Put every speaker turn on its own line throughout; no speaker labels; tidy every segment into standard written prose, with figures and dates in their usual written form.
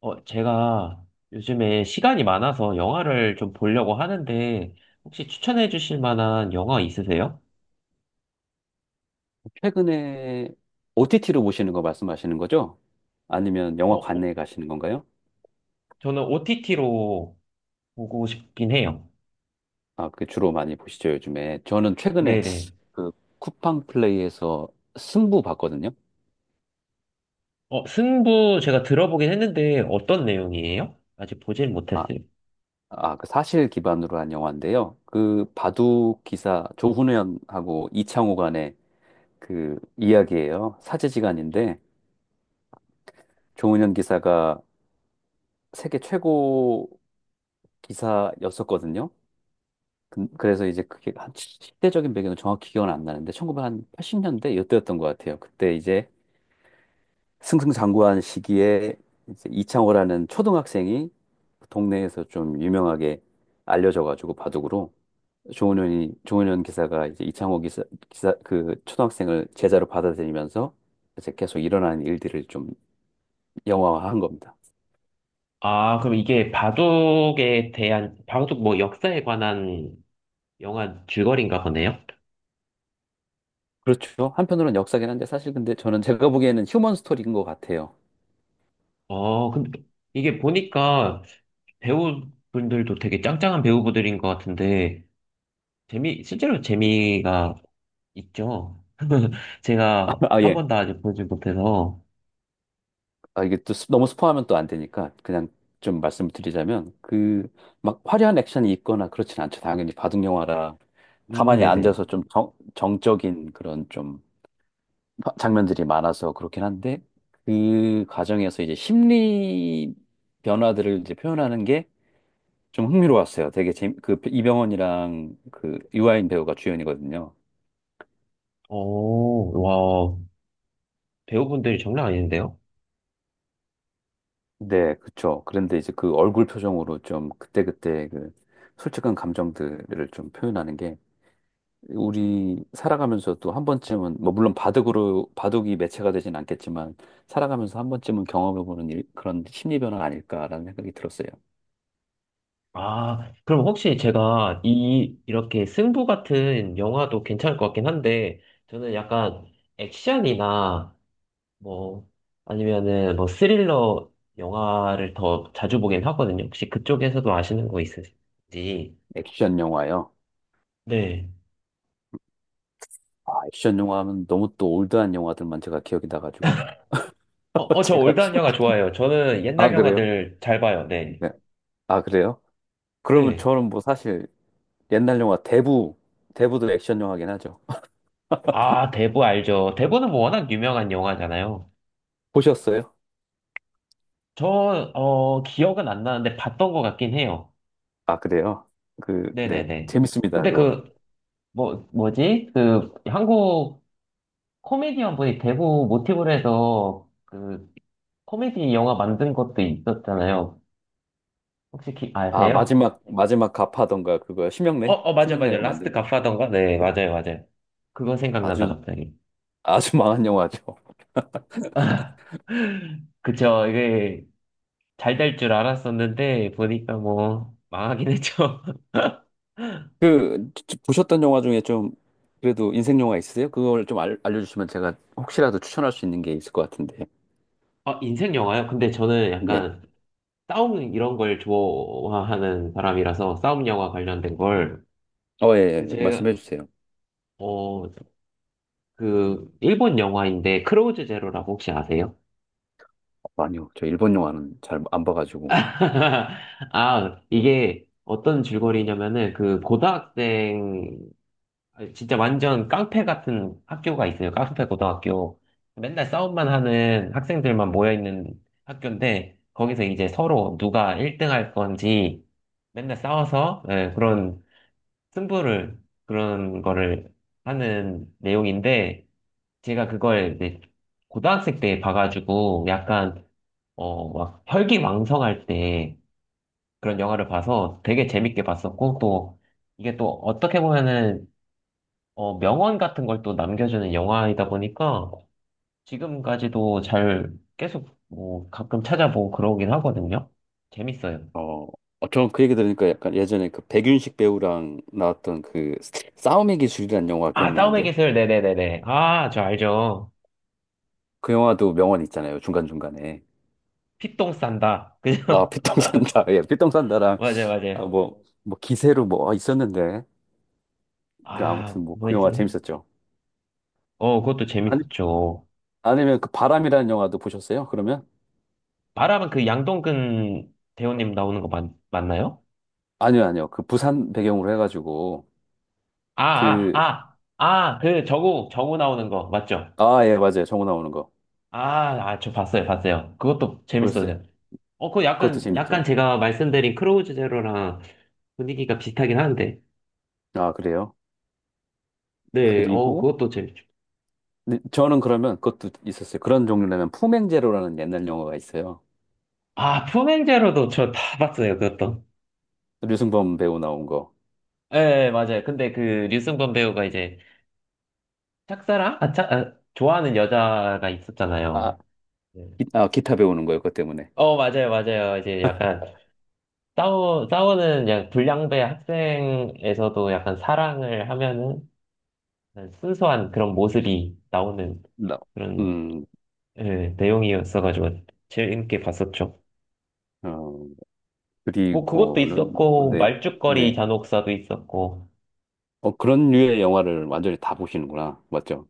제가 요즘에 시간이 많아서 영화를 좀 보려고 하는데, 혹시 추천해 주실 만한 영화 있으세요?
최근에 OTT로 보시는 거 말씀하시는 거죠? 아니면
어, 어,
영화관에 가시는 건가요?
저는 OTT로 보고 싶긴 해요.
아, 그 주로 많이 보시죠, 요즘에. 저는 최근에
네네.
그 쿠팡 플레이에서 승부 봤거든요.
승부 제가 들어보긴 했는데, 어떤 내용이에요? 아직 보질
아,
못했어요.
아, 그 사실 기반으로 한 영화인데요. 그 바둑 기사 조훈현하고 이창호 간의 그 이야기예요. 사제지간인데 조훈현 기사가 세계 최고 기사였었거든요. 그래서 이제 그게 한 시대적인 배경은 정확히 기억은 안 나는데 1980년대 이때였던 것 같아요. 그때 이제 승승장구한 시기에 이제 이창호라는 초등학생이 동네에서 좀 유명하게 알려져가지고 바둑으로 조은현 기사가 이제 이창호 기사 그 초등학생을 제자로 받아들이면서 이제 계속 일어나는 일들을 좀 영화화한 겁니다.
아, 그럼 이게 바둑에 대한, 바둑 뭐 역사에 관한 영화 줄거리인가 보네요?
그렇죠. 한편으로는 역사긴 한데 사실 근데 저는 제가 보기에는 휴먼 스토리인 것 같아요.
근데 이게 보니까 배우분들도 되게 짱짱한 배우분들인 것 같은데, 실제로 재미가 있죠. 제가
아
한
예.
번도 아직 보지 못해서.
아, 이게 또 너무 스포하면 또 안 되니까 그냥 좀 말씀을 드리자면 그 막 화려한 액션이 있거나 그렇진 않죠. 당연히 바둑 영화라 가만히
네네.
앉아서 좀 정적인 그런 좀 장면들이 많아서 그렇긴 한데 그 과정에서 이제 심리 변화들을 이제 표현하는 게 좀 흥미로웠어요. 되게 그 이병헌이랑 그 유아인 배우가 주연이거든요.
오, 와, 배우분들이 장난 아닌데요?
네, 그쵸. 그런데 이제 그 얼굴 표정으로 좀 그때그때 그 솔직한 감정들을 좀 표현하는 게 우리 살아가면서도 한 번쯤은 뭐 물론 바둑으로 바둑이 매체가 되진 않겠지만 살아가면서 한 번쯤은 경험해보는 일, 그런 심리 변화 아닐까라는 생각이 들었어요.
아, 그럼 혹시 제가 이렇게 승부 같은 영화도 괜찮을 것 같긴 한데, 저는 약간 액션이나 뭐, 아니면은 뭐 스릴러 영화를 더 자주 보긴 하거든요. 혹시 그쪽에서도 아시는 거 있으신지.
액션 영화요.
네.
아, 액션 영화 하면 너무 또 올드한 영화들만 제가 기억이 나가지고
저
제가
올드한 영화 좋아해요. 저는 옛날
아 그래요?
영화들 잘 봐요. 네.
네. 아 그래요? 그러면
네.
저는 뭐 사실 옛날 영화 대부 대부도 액션 영화긴 하죠.
아, 대부 알죠. 대부는 뭐 워낙 유명한 영화잖아요.
보셨어요?
저, 어, 기억은 안 나는데 봤던 것 같긴 해요.
아 그래요? 그 네
네네네.
재밌습니다
근데
그거.
그, 뭐지? 그, 한국 코미디언 분이 대부 모티브로 해서 그, 코미디 영화 만든 것도 있었잖아요. 혹시
아
아세요?
마지막 갑하던가 그거 심형래
맞아요, 맞아요.
심형래가 만든
라스트 갓파던가? 네, 맞아요, 맞아요. 그거 생각난다,
아주
갑자기.
아주 망한 영화죠.
그쵸, 이게. 잘될 줄 알았었는데 보니까 뭐 망하긴 했죠.
그 보셨던 영화 중에 좀 그래도 인생 영화 있으세요? 그걸 좀 알려주시면 제가 혹시라도 추천할 수 있는 게 있을 것 같은데.
어, 인생 영화요? 근데 저는
네.
약간 싸움 이런 걸 좋아하는 사람이라서 싸움 영화 관련된 걸
어, 예,
근데
예.
제가
말씀해 주세요.
어, 그 일본 영화인데 크로우즈 제로라고 혹시 아세요?
어, 아니요, 저 일본 영화는 잘 안 봐가지고.
아, 이게 어떤 줄거리냐면은 그 고등학생 진짜 완전 깡패 같은 학교가 있어요. 깡패 고등학교. 맨날 싸움만 하는 학생들만 모여있는 학교인데, 거기서 이제 서로 누가 1등 할 건지 맨날 싸워서 예, 그런 승부를, 그런 거를 하는 내용인데, 제가 그걸 이제 고등학생 때 봐가지고 약간, 어, 막 혈기왕성할 때 그런 영화를 봐서 되게 재밌게 봤었고, 또 이게 또 어떻게 보면은 어, 명언 같은 걸 또 남겨주는 영화이다 보니까 지금까지도 잘 계속 뭐 가끔 찾아보고 그러긴 하거든요. 재밌어요.
어, 어, 저는 그 얘기 들으니까 약간 예전에 그 백윤식 배우랑 나왔던 그 싸움의 기술이라는 영화
아, 싸움의
기억나는데요?
기술. 네네네네. 아, 저 알죠.
그 영화도 명언 있잖아요. 중간중간에.
피똥 싼다.
아,
그죠?
피똥산다. 예, 피똥산다랑
맞아요, 맞아요.
아, 뭐 기세로 뭐 아, 있었는데. 그
아,
아무튼 뭐 그 영화
뭐였지?
재밌었죠.
어, 그것도 재밌었죠.
아니면 그 바람이라는 영화도 보셨어요? 그러면?
말하면 그 양동근 배우님 나오는 거 맞나요?
아니요, 아니요. 그 부산 배경으로 해가지고
아, 아,
그
아, 아, 그 저구 나오는 거 맞죠?
아, 예, 맞아요. 정우 나오는 거
아, 아, 저 봤어요, 봤어요. 그것도
보셨어요?
재밌었어요. 어, 그거
그것도
약간
재밌죠.
제가 말씀드린 크로우즈 제로랑 분위기가 비슷하긴 한데.
아, 그래요?
네, 어,
그리고
그것도 재밌죠.
근데 저는 그러면 그것도 있었어요. 그런 종류라면 품행제로라는 옛날 영화가 있어요.
아, 푸행 제로도 저 다 봤어요, 그것도.
류승범 배우 나온 거.
예, 예, 맞아요. 근데 그 류승범 배우가 이제 짝사랑? 아, 아, 좋아하는 여자가
아,
있었잖아요. 네.
기타 배우는 거예요. 그것 때문에.
어, 맞아요, 맞아요. 이제 약간 싸우는 그냥 불량배 학생에서도 약간 사랑을 하면은 약간 순수한 그런 모습이 나오는
나,
그런
음,
예, 내용이었어가지고 재밌게 봤었죠.
어,
뭐 그것도
그리고는 뭐,
있었고
네,
말죽거리
네.
잔혹사도 있었고
어, 그런 류의 영화를 완전히 다 보시는구나. 맞죠?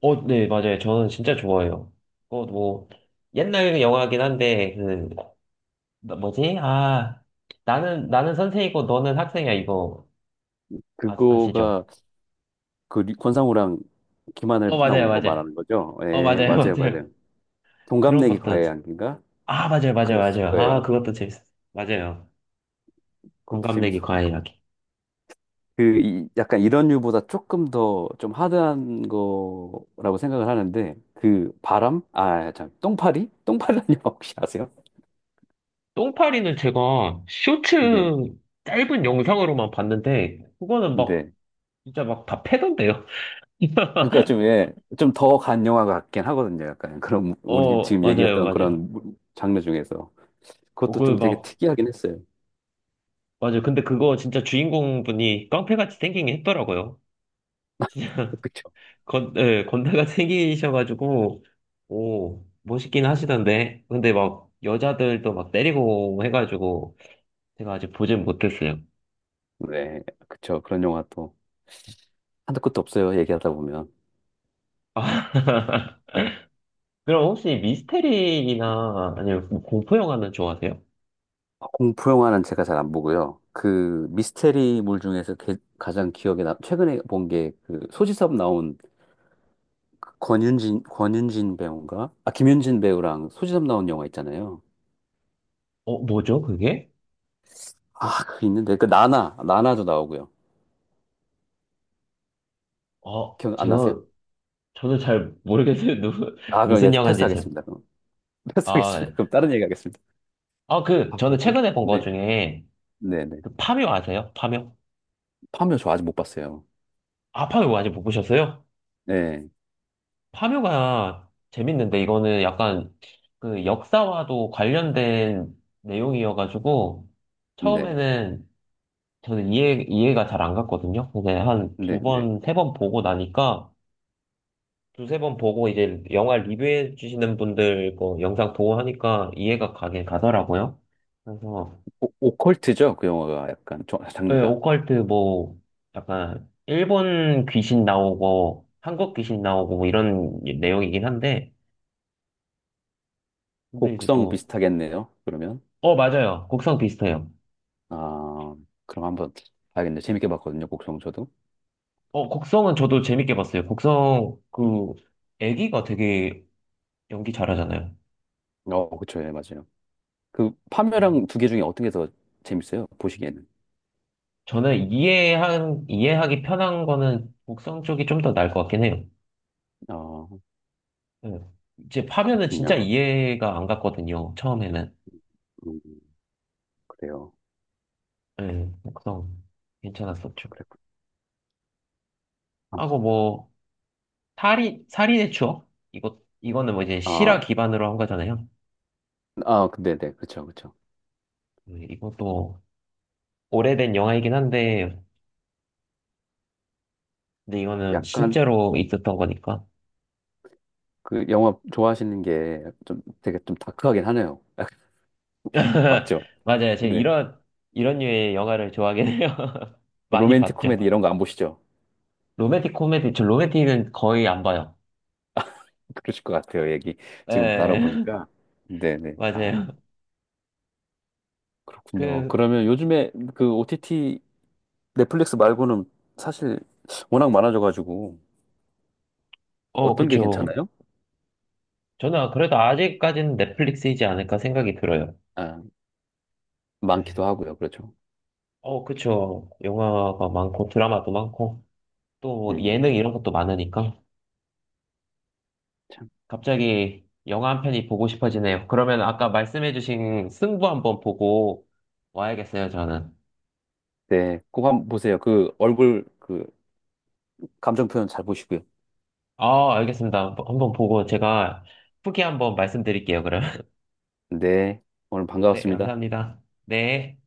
어 네 맞아요 저는 진짜 좋아해요 그거 뭐 옛날 영화긴 한데 그 뭐지 아 나는 선생이고 너는 학생이야 이거 아, 아시죠?
그거가 그 권상우랑
어
김하늘
맞아요
나온 거
맞아요
말하는 거죠?
어
예,
맞아요
맞아요,
맞아요
맞아요.
그런
동갑내기
것도
과외 양인가?
아 맞아요 맞아요
그랬을
맞아요 아
거예요.
그것도 재밌었어요 맞아요
그것도
공감내기 과
재밌었고.
일하기
그, 약간 이런 류보다 조금 더 좀 하드한 거라고 생각을 하는데, 그 바람? 아, 참, 똥파리? 똥파리라는 영화 혹시 아세요?
똥파리는 제가 쇼츠
네,
짧은 영상으로만 봤는데 그거는 막
네.
진짜 막 다 패던데요
그러니까 좀, 예, 좀 더 간 영화 같긴 하거든요. 약간 그런, 우리
어,
지금
맞아요,
얘기했던
맞아요.
그런 장르 중에서.
어,
그것도
그,
좀 되게
막,
특이하긴 했어요.
맞아요. 근데 그거 진짜 주인공분이 깡패같이 생긴 게 했더라고요.
그쵸?
예, 건달같이 생기셔가지고, 오, 멋있긴 하시던데. 근데 막, 여자들도 막 때리고 해가지고, 제가 아직 보진 못했어요.
네, 그쵸. 그런 영화 또. 한도 끝도 없어요. 얘기하다 보면.
아, 그럼 혹시 미스테리나, 아니면 뭐 공포 영화는 좋아하세요?
공포 영화는 제가 잘 안 보고요. 그 미스테리물 중에서 가장 기억에 남, 최근에 본 게 그 소지섭 나온 그 권윤진 배우인가? 아, 김윤진 배우랑 소지섭 나온 영화 있잖아요.
어, 뭐죠, 그게?
아, 그 있는데. 그 나나도 나오고요.
어,
기억 안
제가,
나세요?
저는 잘 모르겠어요. 누구,
아, 그럼 얘
무슨 영화인지 제가.
패스하겠습니다. 그럼.
아,
패스하겠습니다. 그럼 다른 얘기 하겠습니다.
아, 그,
아,
저는
뭐지?
최근에 본 거
네,
중에,
네, 네.
그 파묘 아세요? 파묘?
파묘 저 아직 못 봤어요.
아, 파묘 아직 못 보셨어요?
네,
파묘가 재밌는데 이거는 약간 그 역사와도 관련된 내용이어가지고
네,
처음에는 저는 이해가 잘 안 갔거든요. 근데 한 두
네, 네.
번, 세 번 보고 나니까 두세 번 보고 이제 영화 리뷰해 주시는 분들 거 영상 보고 하니까 이해가 가긴 가더라고요. 그래서
오, 오컬트죠? 그 영화가 약간
네,
장르가.
오컬트 뭐 약간 일본 귀신 나오고 한국 귀신 나오고 뭐 이런 내용이긴 한데 근데 이제
곡성
또
비슷하겠네요. 그러면
어 맞아요 곡성 비슷해요
아 그럼 한번 봐야겠네요. 재밌게 봤거든요. 곡성 저도.
어 곡성은 저도 재밌게 봤어요 곡성 그 애기가 되게 연기 잘하잖아요
어 그쵸 예 맞아요. 그
음.
파묘랑 두 개 중에 어떤 게 더 재밌어요? 보시기에는.
저는 이해한 이해하기 편한 거는 곡성 쪽이 좀 더 나을 것 같긴 해요
아
네. 이제 파면은 진짜
그랬군요.
이해가 안 갔거든요 처음에는
음 그래요.
네, 곡성 괜찮았었죠
그랬군.
하고 뭐 살인의 추억? 이거는 뭐 이제 실화
아아아
기반으로 한 거잖아요.
근데 네 그쵸 그쵸.
이것도 오래된 영화이긴 한데, 근데 이거는
약간
실제로 있었던 거니까.
그 영화 좋아하시는 게 좀 되게 좀 다크하긴 하네요. 맞죠?
맞아요. 제가
네.
이런, 이런 류의 영화를 좋아하긴 해요. 많이
로맨틱
봤죠.
코미디 이런 거 안 보시죠?
로맨틱 코미디, 저 로맨틱은 거의 안 봐요.
그러실 것 같아요. 얘기 지금
예,
나눠보니까. 네네. 아.
맞아요.
그렇군요.
그,
그러면 요즘에 그 OTT 넷플릭스 말고는 사실 워낙 많아져가지고
어,
어떤 게
그쵸.
괜찮아요?
저는 아, 그래도 아직까지는 넷플릭스이지 않을까 생각이 들어요.
아,
네,
많기도 하고요. 그렇죠.
어, 그쵸. 영화가 많고 드라마도 많고. 또 뭐 예능
음,
이런 것도 많으니까
참.
갑자기 영화 한 편이 보고 싶어지네요. 그러면 아까 말씀해주신 승부 한번 보고 와야겠어요, 저는.
네, 꼭 한번 보세요. 그 얼굴 그 감정 표현 잘 보시고요.
아, 알겠습니다. 한번 한번 보고 제가 후기 한번 말씀드릴게요, 그럼.
네, 오늘
네,
반가웠습니다.
감사합니다. 네.